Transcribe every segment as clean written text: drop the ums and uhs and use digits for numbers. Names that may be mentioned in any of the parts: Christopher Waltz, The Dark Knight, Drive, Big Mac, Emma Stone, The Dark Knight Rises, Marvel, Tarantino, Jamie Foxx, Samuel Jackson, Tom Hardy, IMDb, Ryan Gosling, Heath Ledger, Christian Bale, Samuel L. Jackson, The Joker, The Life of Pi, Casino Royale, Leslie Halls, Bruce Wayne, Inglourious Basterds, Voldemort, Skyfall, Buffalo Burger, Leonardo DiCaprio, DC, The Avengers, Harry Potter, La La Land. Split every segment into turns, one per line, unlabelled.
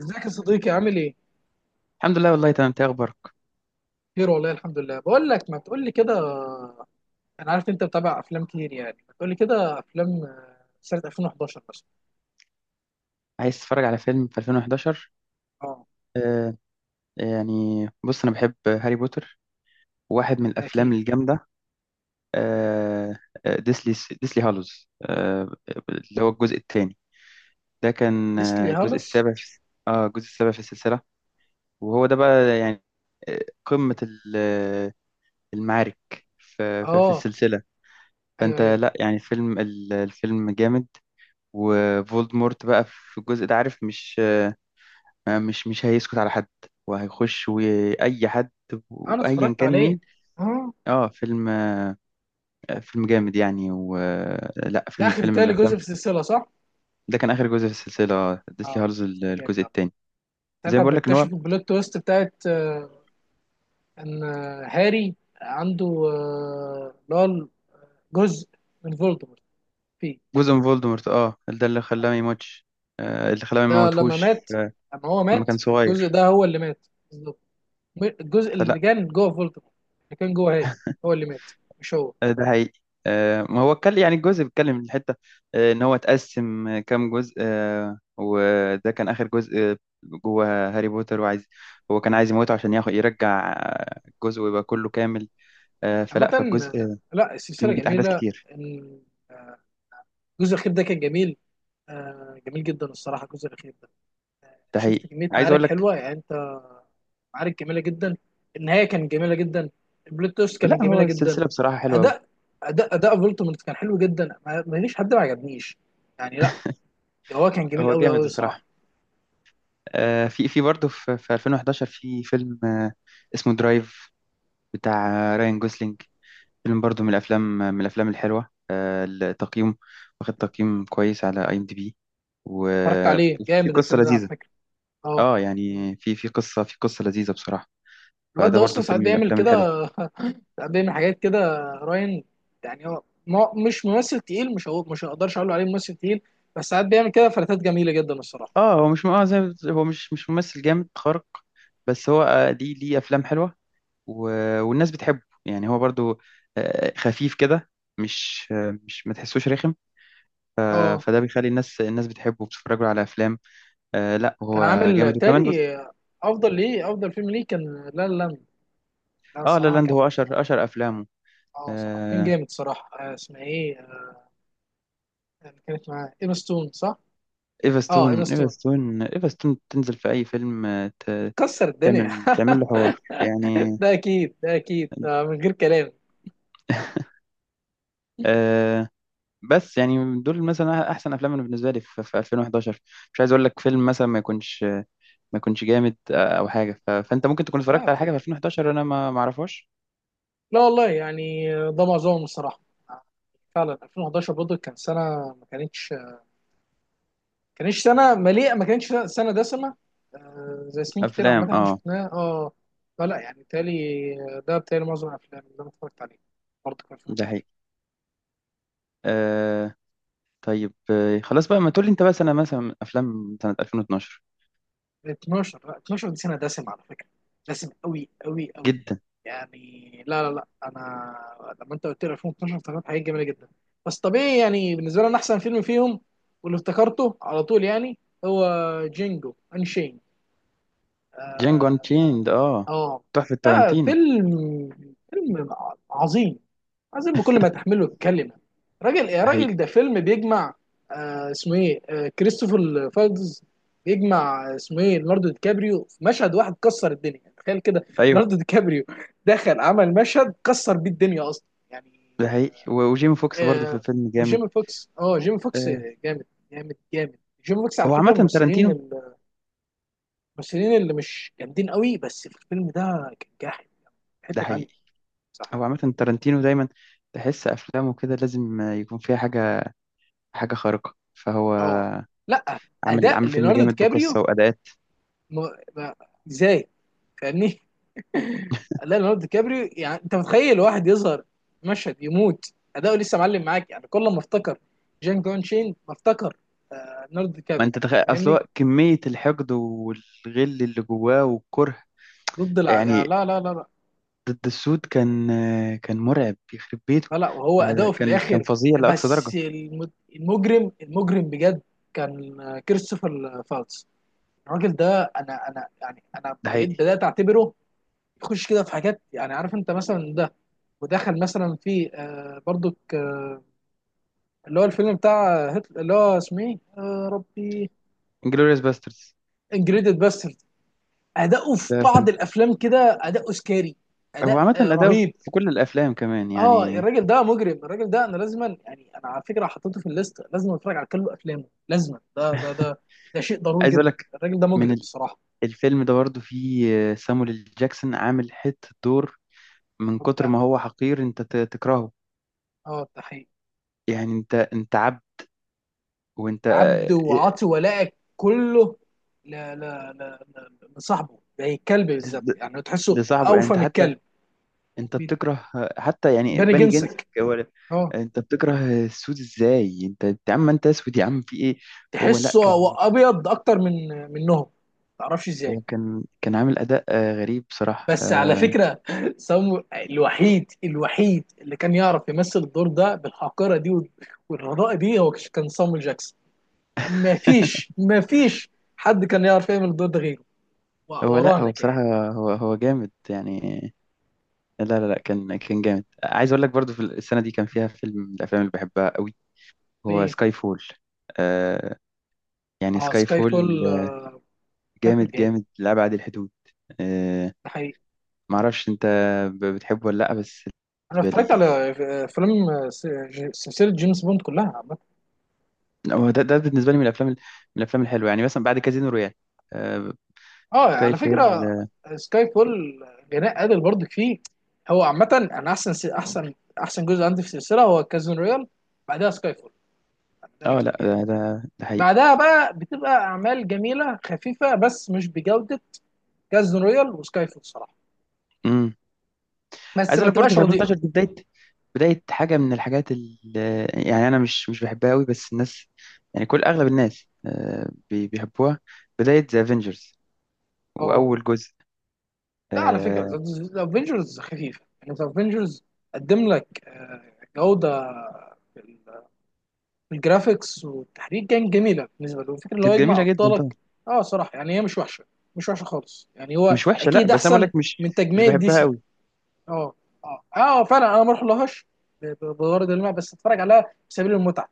ازيك يا صديقي؟ عامل ايه؟
الحمد لله، والله تمام. إنت إيه اخبارك؟
خير والله، الحمد لله. بقول لك، ما تقول لي كده، انا عارف انت بتابع افلام كتير. يعني ما تقول لي كده افلام، سنة 2011 مثلا.
عايز تتفرج على فيلم في 2011؟
اه،
آه. يعني بص، انا بحب هاري بوتر. واحد من
ده
الافلام
اكيد.
الجامده. آه. آه، ديسلي ديسلي هالوز اللي هو الجزء الثاني. ده كان
ليسلي
الجزء
هالس.
السابع في. اه الجزء السابع في السلسله. وهو ده بقى، يعني آه، قمه المعارك في
اه،
السلسله.
ايوه
فانت،
ايوه،
لا يعني، فيلم، الفيلم جامد. وفولدمورت بقى في الجزء ده، عارف، مش، مش هيسكت على حد، وهيخش وأي حد،
انا
وأيا
اتفرجت
كان
عليه.
مين.
اه،
اه فيلم، فيلم جامد يعني. و آه، لا،
ده
فيلم،
اخر
من
تالي جزء
الأفلام.
في السلسلة، صح؟
ده كان آخر جزء في السلسلة،
اه،
ديسلي هارز،
ده جامد
الجزء
عامة.
التاني. زي
ساعتها
ما بقول لك إن
بنكتشف
هو
البلوت تويست بتاعت، آه، ان آه، هاري عنده، اللي هو جزء من فولدمورت فيه.
جزء من فولدمورت. اه ده اللي خلاه ما يموتش. اللي خلاه ما
ده لما
يموتهوش.
مات،
آه.
لما هو
لما
مات
كان
الجزء
صغير.
ده هو اللي مات بالظبط. الجزء اللي كان جوه فولتمور، اللي كان جوه هي، هو اللي مات، مش هو.
آه. ده حقيقي. ما هو اتكلم، يعني الجزء بيتكلم من الحتة إن هو اتقسم كام جزء، وده كان آخر جزء. آه. جوه هاري بوتر. وعايز، هو كان عايز يموته عشان ياخد، يرجع الجزء، ويبقى كله كامل.
عامة،
فلا، فالجزء
آه، لا السلسلة
كان بيت أحداث
جميلة.
كتير.
ال- آه، الجزء الأخير ده كان جميل، جميل جدا الصراحة الجزء الأخير ده.
ده
شفت
حقيقي.
كمية
عايز أقول
معارك
لك.
حلوة يعني أنت، معارك جميلة جدا. النهاية كانت جميلة جدا، البلوت تويست
لا،
كانت
هو
جميلة جدا.
السلسلة بصراحة حلوة أوي.
أداء، أداء فولتمورت كان حلو جدا، ما فيش حد ما عجبنيش، يعني لا، هو كان جميل
هو
قوي
جامد
قوي صراحة.
بصراحة. في برضه، في 2011 في فيلم اسمه درايف، بتاع راين جوسلينج. فيلم برضو من الافلام، الحلوه. التقييم، واخد تقييم كويس على IMDB.
اتفرجت عليه،
وفي
جامد
قصه
الفيلم ده على
لذيذه.
فكره. اه،
اه يعني في، في قصه لذيذه بصراحه.
الواد
فده
ده اصلا
برضو
ساعات
فيلم من
بيعمل
الافلام الحلوه.
كده. ساعات بيعمل حاجات كده. راين، يعني هو مش ممثل تقيل، مش هقول، مش هقدرش اقول عليه ممثل تقيل، بس ساعات بيعمل كده فلاتات جميله جدا الصراحه.
اه هو مش، زي ما هو مش ممثل جامد خارق. بس هو، ليه، افلام حلوه. والناس بتحبه، يعني هو برضو خفيف كده. مش، مش ما تحسوش رخم. ف-
اه،
فده بيخلي الناس، بتحبه، وبتتفرج له على افلام. آه، لا،
كان
هو
عامل
جامد. وكمان
بالتالي افضل ليه، افضل فيلم ليه كان، لا، لا،
اه لا
الصراحه
لاند،
كان،
هو اشهر، افلامه.
اه صراحه كان
آه،
جامد صراحه. اسمها ايه؟ كانت معاه ايما ستون صح؟
ايفا
اه،
ستون،
ايما
ايفا
ستون
ستون، ايفا ستون تنزل في اي فيلم،
كسر الدنيا.
تعمل، له حوار يعني.
ده اكيد، ده اكيد، ده من غير كلام.
آه. بس يعني، دول مثلا احسن افلام، أنا بالنسبه لي في 2011. مش عايز اقول لك فيلم مثلا ما يكونش، جامد، او حاجه. فانت ممكن تكون اتفرجت
آه،
على حاجه في 2011 انا، ما اعرفهاش.
لا والله، يعني ده معظمهم الصراحه. فعلا 2011 برضه كان سنه ما كانتش سنه مليئه، ما كانتش سنه دسمه، زي سنين كتير
افلام.
عامه احنا
اه.
شفناها. اه، فلا يعني بالتالي، ده بالتالي معظم الافلام اللي انا اتفرجت عليها برضه كان فيها.
ده حقيقي. آه. طيب، آه، خلاص بقى. ما تقول لي انت بقى سنه، مثلا افلام سنه 2012.
12، لا 12 دي سنه دسم على فكره، دسم قوي قوي قوي.
جدا.
يعني لا، انا لما انت قلت لي 2012 افتكرت حاجات جميله جدا. بس طبيعي، يعني بالنسبه لي انا احسن فيلم فيهم واللي افتكرته على طول يعني هو جينجو انشين.
جانجو
اه.
انشيند. اه،
آه.
تحفه
لا،
تارانتينو.
فيلم، فيلم عظيم، عظيم بكل ما تحمله الكلمه. راجل يا
ده حقيقي.
راجل، ده فيلم بيجمع، اسمه ايه؟ آه، كريستوفر فالدز. بيجمع، اسمه ايه، ليوناردو دي كابريو في مشهد واحد كسر الدنيا، يعني تخيل كده.
ايوه.
ليوناردو دي كابريو دخل عمل مشهد كسر بيه الدنيا اصلا يعني.
ده حقيقي. وجيمي فوكس برضه في
آه،
الفيلم جامد.
وجيمي فوكس، اه جيمي فوكس
آه.
جامد، جامد. جيمي فوكس على
هو
فكره من
عامة
الممثلين،
تارانتينو.
الممثلين اللي مش جامدين قوي، بس في الفيلم ده كان جاحد،
ده
حته تانيه.
حقيقي.
صح.
هو عامة تارانتينو دايما تحس أفلامه كده، لازم يكون فيها حاجة، حاجة خارقة. فهو
اه، لا
عامل،
اداء
فيلم
ليوناردو دي
جامد
كابريو،
بقصة وأداءات.
ما، ازاي، فاهمني؟ لا، ليوناردو دي كابريو، يعني انت متخيل واحد يظهر مشهد يموت اداؤه، لسه معلم معاك، يعني كل ما افتكر جان كون شين ما افتكر، ليوناردو دي
ما
كابريو.
أنت تخيل، أصل
فاهمني؟
هو كمية الحقد والغل اللي جواه والكره.
ضد الع...
يعني
لا.
ضد السود، كان، كان مرعب يخرب بيته.
لا لا، وهو اداؤه في
كان
الاخر،
فظيع لأقصى
بس
درجة.
المجرم، المجرم بجد كان، كريستوفر فالتس. الراجل ده انا، انا يعني انا
ده
بقيت
حقيقي.
بدات اعتبره يخش كده في حاجات، يعني عارف انت مثلا ده، ودخل مثلا في، برضك اللي هو الفيلم بتاع هتل... اللي هو اسمه ايه يا ربي؟
انجلوريوس باسترز.
انجريدد باسترد. اداؤه في
ده
بعض
فيلم.
الافلام كده اداؤه سكاري،
هو
اداء
عامة أداؤه
رهيب.
في كل الأفلام كمان
اه،
يعني.
الراجل ده مجرم، الراجل ده انا لازما، يعني انا على فكره حطيته في الليست، لازم اتفرج على كل افلامه لازما، ده ده شيء ضروري
عايز أقول
جدا.
لك،
الراجل ده مجرم
من
الصراحه،
الفيلم ده برضو فيه سامويل ال جاكسون عامل حتة دور. من كتر
مبدع.
ما هو حقير، انت تكرهه.
اه، ده حقيقي.
يعني انت، عبد. وانت،
عبد
آه، إيه،
وعاطي ولائك كله، لا، لصاحبه زي الكلب بالظبط،
ل-
يعني تحسه
لصاحبه. يعني
اوفى
انت
من
حتى،
الكلب.
انت بتكره حتى يعني
بيبان
بني جنسك
جنسك.
هو.
اه،
انت بتكره السود ازاي؟ انت، يا عم، انت اسود يا عم، في ايه؟ هو لا
تحسه هو
كان،
ابيض اكتر من منهم، ما تعرفش ازاي.
هو كان، عامل اداء غريب بصراحة.
بس على
آه.
فكره سامو الوحيد، اللي كان يعرف يمثل الدور ده بالحقيره دي والرضاء دي، هو كان صامويل جاكسون. ما فيش حد كان يعرف يعمل الدور ده غيره،
هو لا،
ورانا
هو
كمان.
بصراحة، هو، جامد يعني. لا لا لا، كان، جامد. عايز اقول لك، برضو في السنة دي كان فيها فيلم من الافلام اللي بحبها قوي. هو
ايه؟
سكاي فول. آه. يعني
اه،
سكاي
سكاي
فول
فول. سكاي فول
جامد،
جامد،
جامد لأبعد الحدود. آه.
ده حقيقي.
معرفش انت بتحبه ولا لأ. بس
انا
بالنسبة
اتفرجت
لي
على افلام سلسله جيمس بوند كلها عامه.
هو، ده بالنسبة لي من الأفلام، من الأفلام الحلوة. يعني مثلا بعد كازينو رويال، آه،
اه،
سكاي
على
فول.
فكره سكاي فول جناء قادر برضك فيه. هو عامه انا احسن احسن جزء عندي في السلسله هو كازون رويال، بعدها سكاي فول، ده
لا،
اكيد يعني.
ده، ده حقيقي.
بعدها بقى بتبقى اعمال جميله خفيفه بس مش بجوده كازون رويال وسكاي فول صراحه،
امم.
بس
عايز
ما
اقول لك، برضه
تبقاش
في
رديئه.
2013 دي بداية، حاجة من الحاجات اللي، يعني أنا، مش بحبها قوي. بس الناس، يعني كل، أغلب الناس بيحبوها. بداية ذا افنجرز،
اه،
وأول جزء.
لا على فكره
آه،
ذا افنجرز خفيفه، يعني ذا افنجرز قدم لك، جوده الجرافيكس والتحريك كان جميله بالنسبه له، الفكره اللي هو
كانت
يجمع
جميله جدا طبعا.
ابطالك. اه، صراحه يعني هي مش وحشه، مش وحشه خالص، يعني هو
مش وحشه، لا.
اكيد
بس انا بقول
احسن
لك،
من
مش
تجميع دي
بحبها
سي.
قوي.
اه، اه فعلا انا ما اروح لهاش، بغرض الماء، بس اتفرج عليها في سبيل المتعه،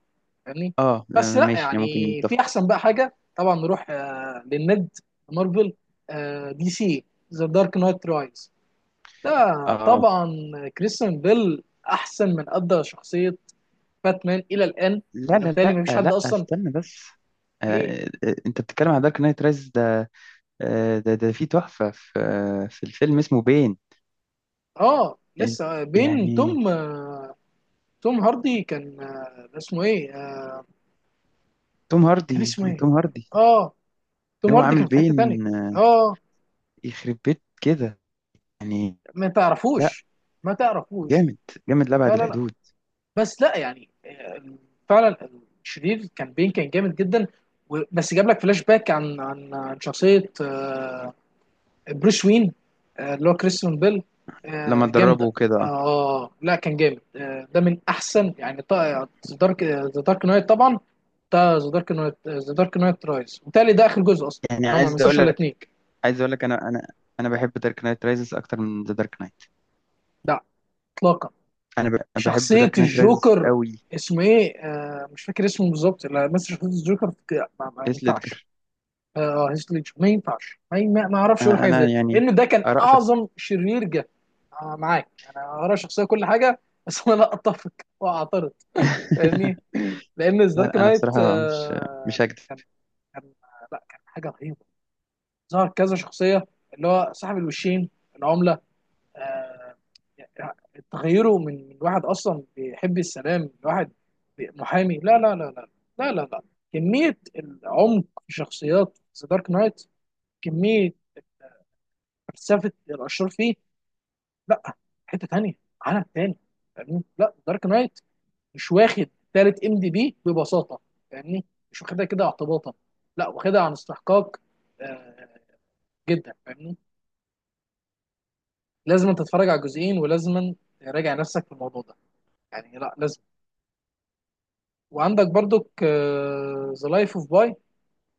فاهمني؟ بس لا
ماشي، يعني ممكن
يعني في
نتفق.
احسن بقى حاجه طبعا، نروح للند مارفل، آه دي سي. ذا دارك نايت رايز ده،
اه،
طبعا كريستيان بيل احسن من ادى شخصيه باتمان الى الان،
لا
يعني
لا
بالتالي ما فيش
لا
حد
لا،
اصلا.
استنى بس.
ايه؟
انت بتتكلم عن دارك نايت رايز ده؟ آه، ده، في تحفه، في الفيلم اسمه بين.
اه
إن-
لسه بين،
يعني
توم، توم هاردي كان، اسمه ايه؟
توم
كان
هاردي.
اسمه ايه
توم هاردي
اه، توم
هو
هاردي
عامل
كان في حتة تانية.
بين، آه،
اه،
يخرب بيت كده يعني.
ما
لا،
تعرفوش؟ ما تعرفوش؟
جامد، جامد لأبعد
لا،
الحدود.
بس لا يعني، فعلا الشرير كان بين، كان جامد جدا، بس جاب لك فلاش باك عن عن شخصية، بروس وين، اللي هو كريستيان بيل،
لما
جامدة.
تدربه كده،
اه، لا كان جامد، ده من احسن، يعني ذا دارك، ذا دارك نايت طبعا، ده ذا دارك نايت، ذا دارك نايت رايز، وبالتالي ده اخر جزء اصلا،
يعني.
يعني هو ما
عايز اقول
مثلش الا
لك،
اتنين.
انا، انا بحب دارك نايت رايزز اكتر من ذا دارك نايت.
لا، اطلاقا.
انا بحب
شخصيه
دارك نايت رايزز
الجوكر،
قوي.
اسمه ايه؟ آه، مش فاكر اسمه بالظبط. لا، مثل شخصيه الجوكر، ما
هيث
ينفعش.
ليدجر.
اه، هيث ليدجر، ما ينفعش، ما اعرفش اقول حاجه زي
انا،
كده،
يعني
لان ده كان
اراء شخص.
اعظم شرير جه. آه، معاك يعني انا ارى شخصيه كل حاجه، بس انا لا اتفق، واعترض، فاهمني؟
لا
لان ذا دارك
لا، انا
نايت
بصراحه مش، هكدب.
كان كان، لا، كان حاجه رهيبه، ظهر كذا شخصيه، اللي هو صاحب الوشين، العمله، آه يعني تغيره من واحد اصلا بيحب السلام لواحد، محامي، لا. لا، كميه العمق في شخصيات ذا دارك نايت، كميه فلسفه الاشرار فيه، لا، حته تانيه، عالم تاني، فاهمني؟ لا دارك نايت مش واخد تالت ام دي بي ببساطه، فاهمني؟ مش واخدها كده اعتباطا، لا واخدها عن استحقاق، آه، جدا، فاهمني؟ لازم تتفرج على الجزئين، ولازم تراجع نفسك في الموضوع ده، يعني لا لازم. وعندك برضك ذا لايف اوف باي،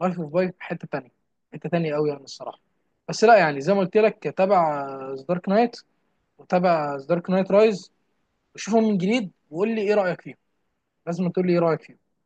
لايف اوف باي حته تانية، حته تانية قوي يعني الصراحه. بس لا يعني، زي ما قلت لك تابع ذا دارك نايت، وتابع ذا دارك نايت رايز، وشوفهم من جديد، وقول لي ايه رايك فيهم؟ لازم تقول لي ايه رايك فيهم.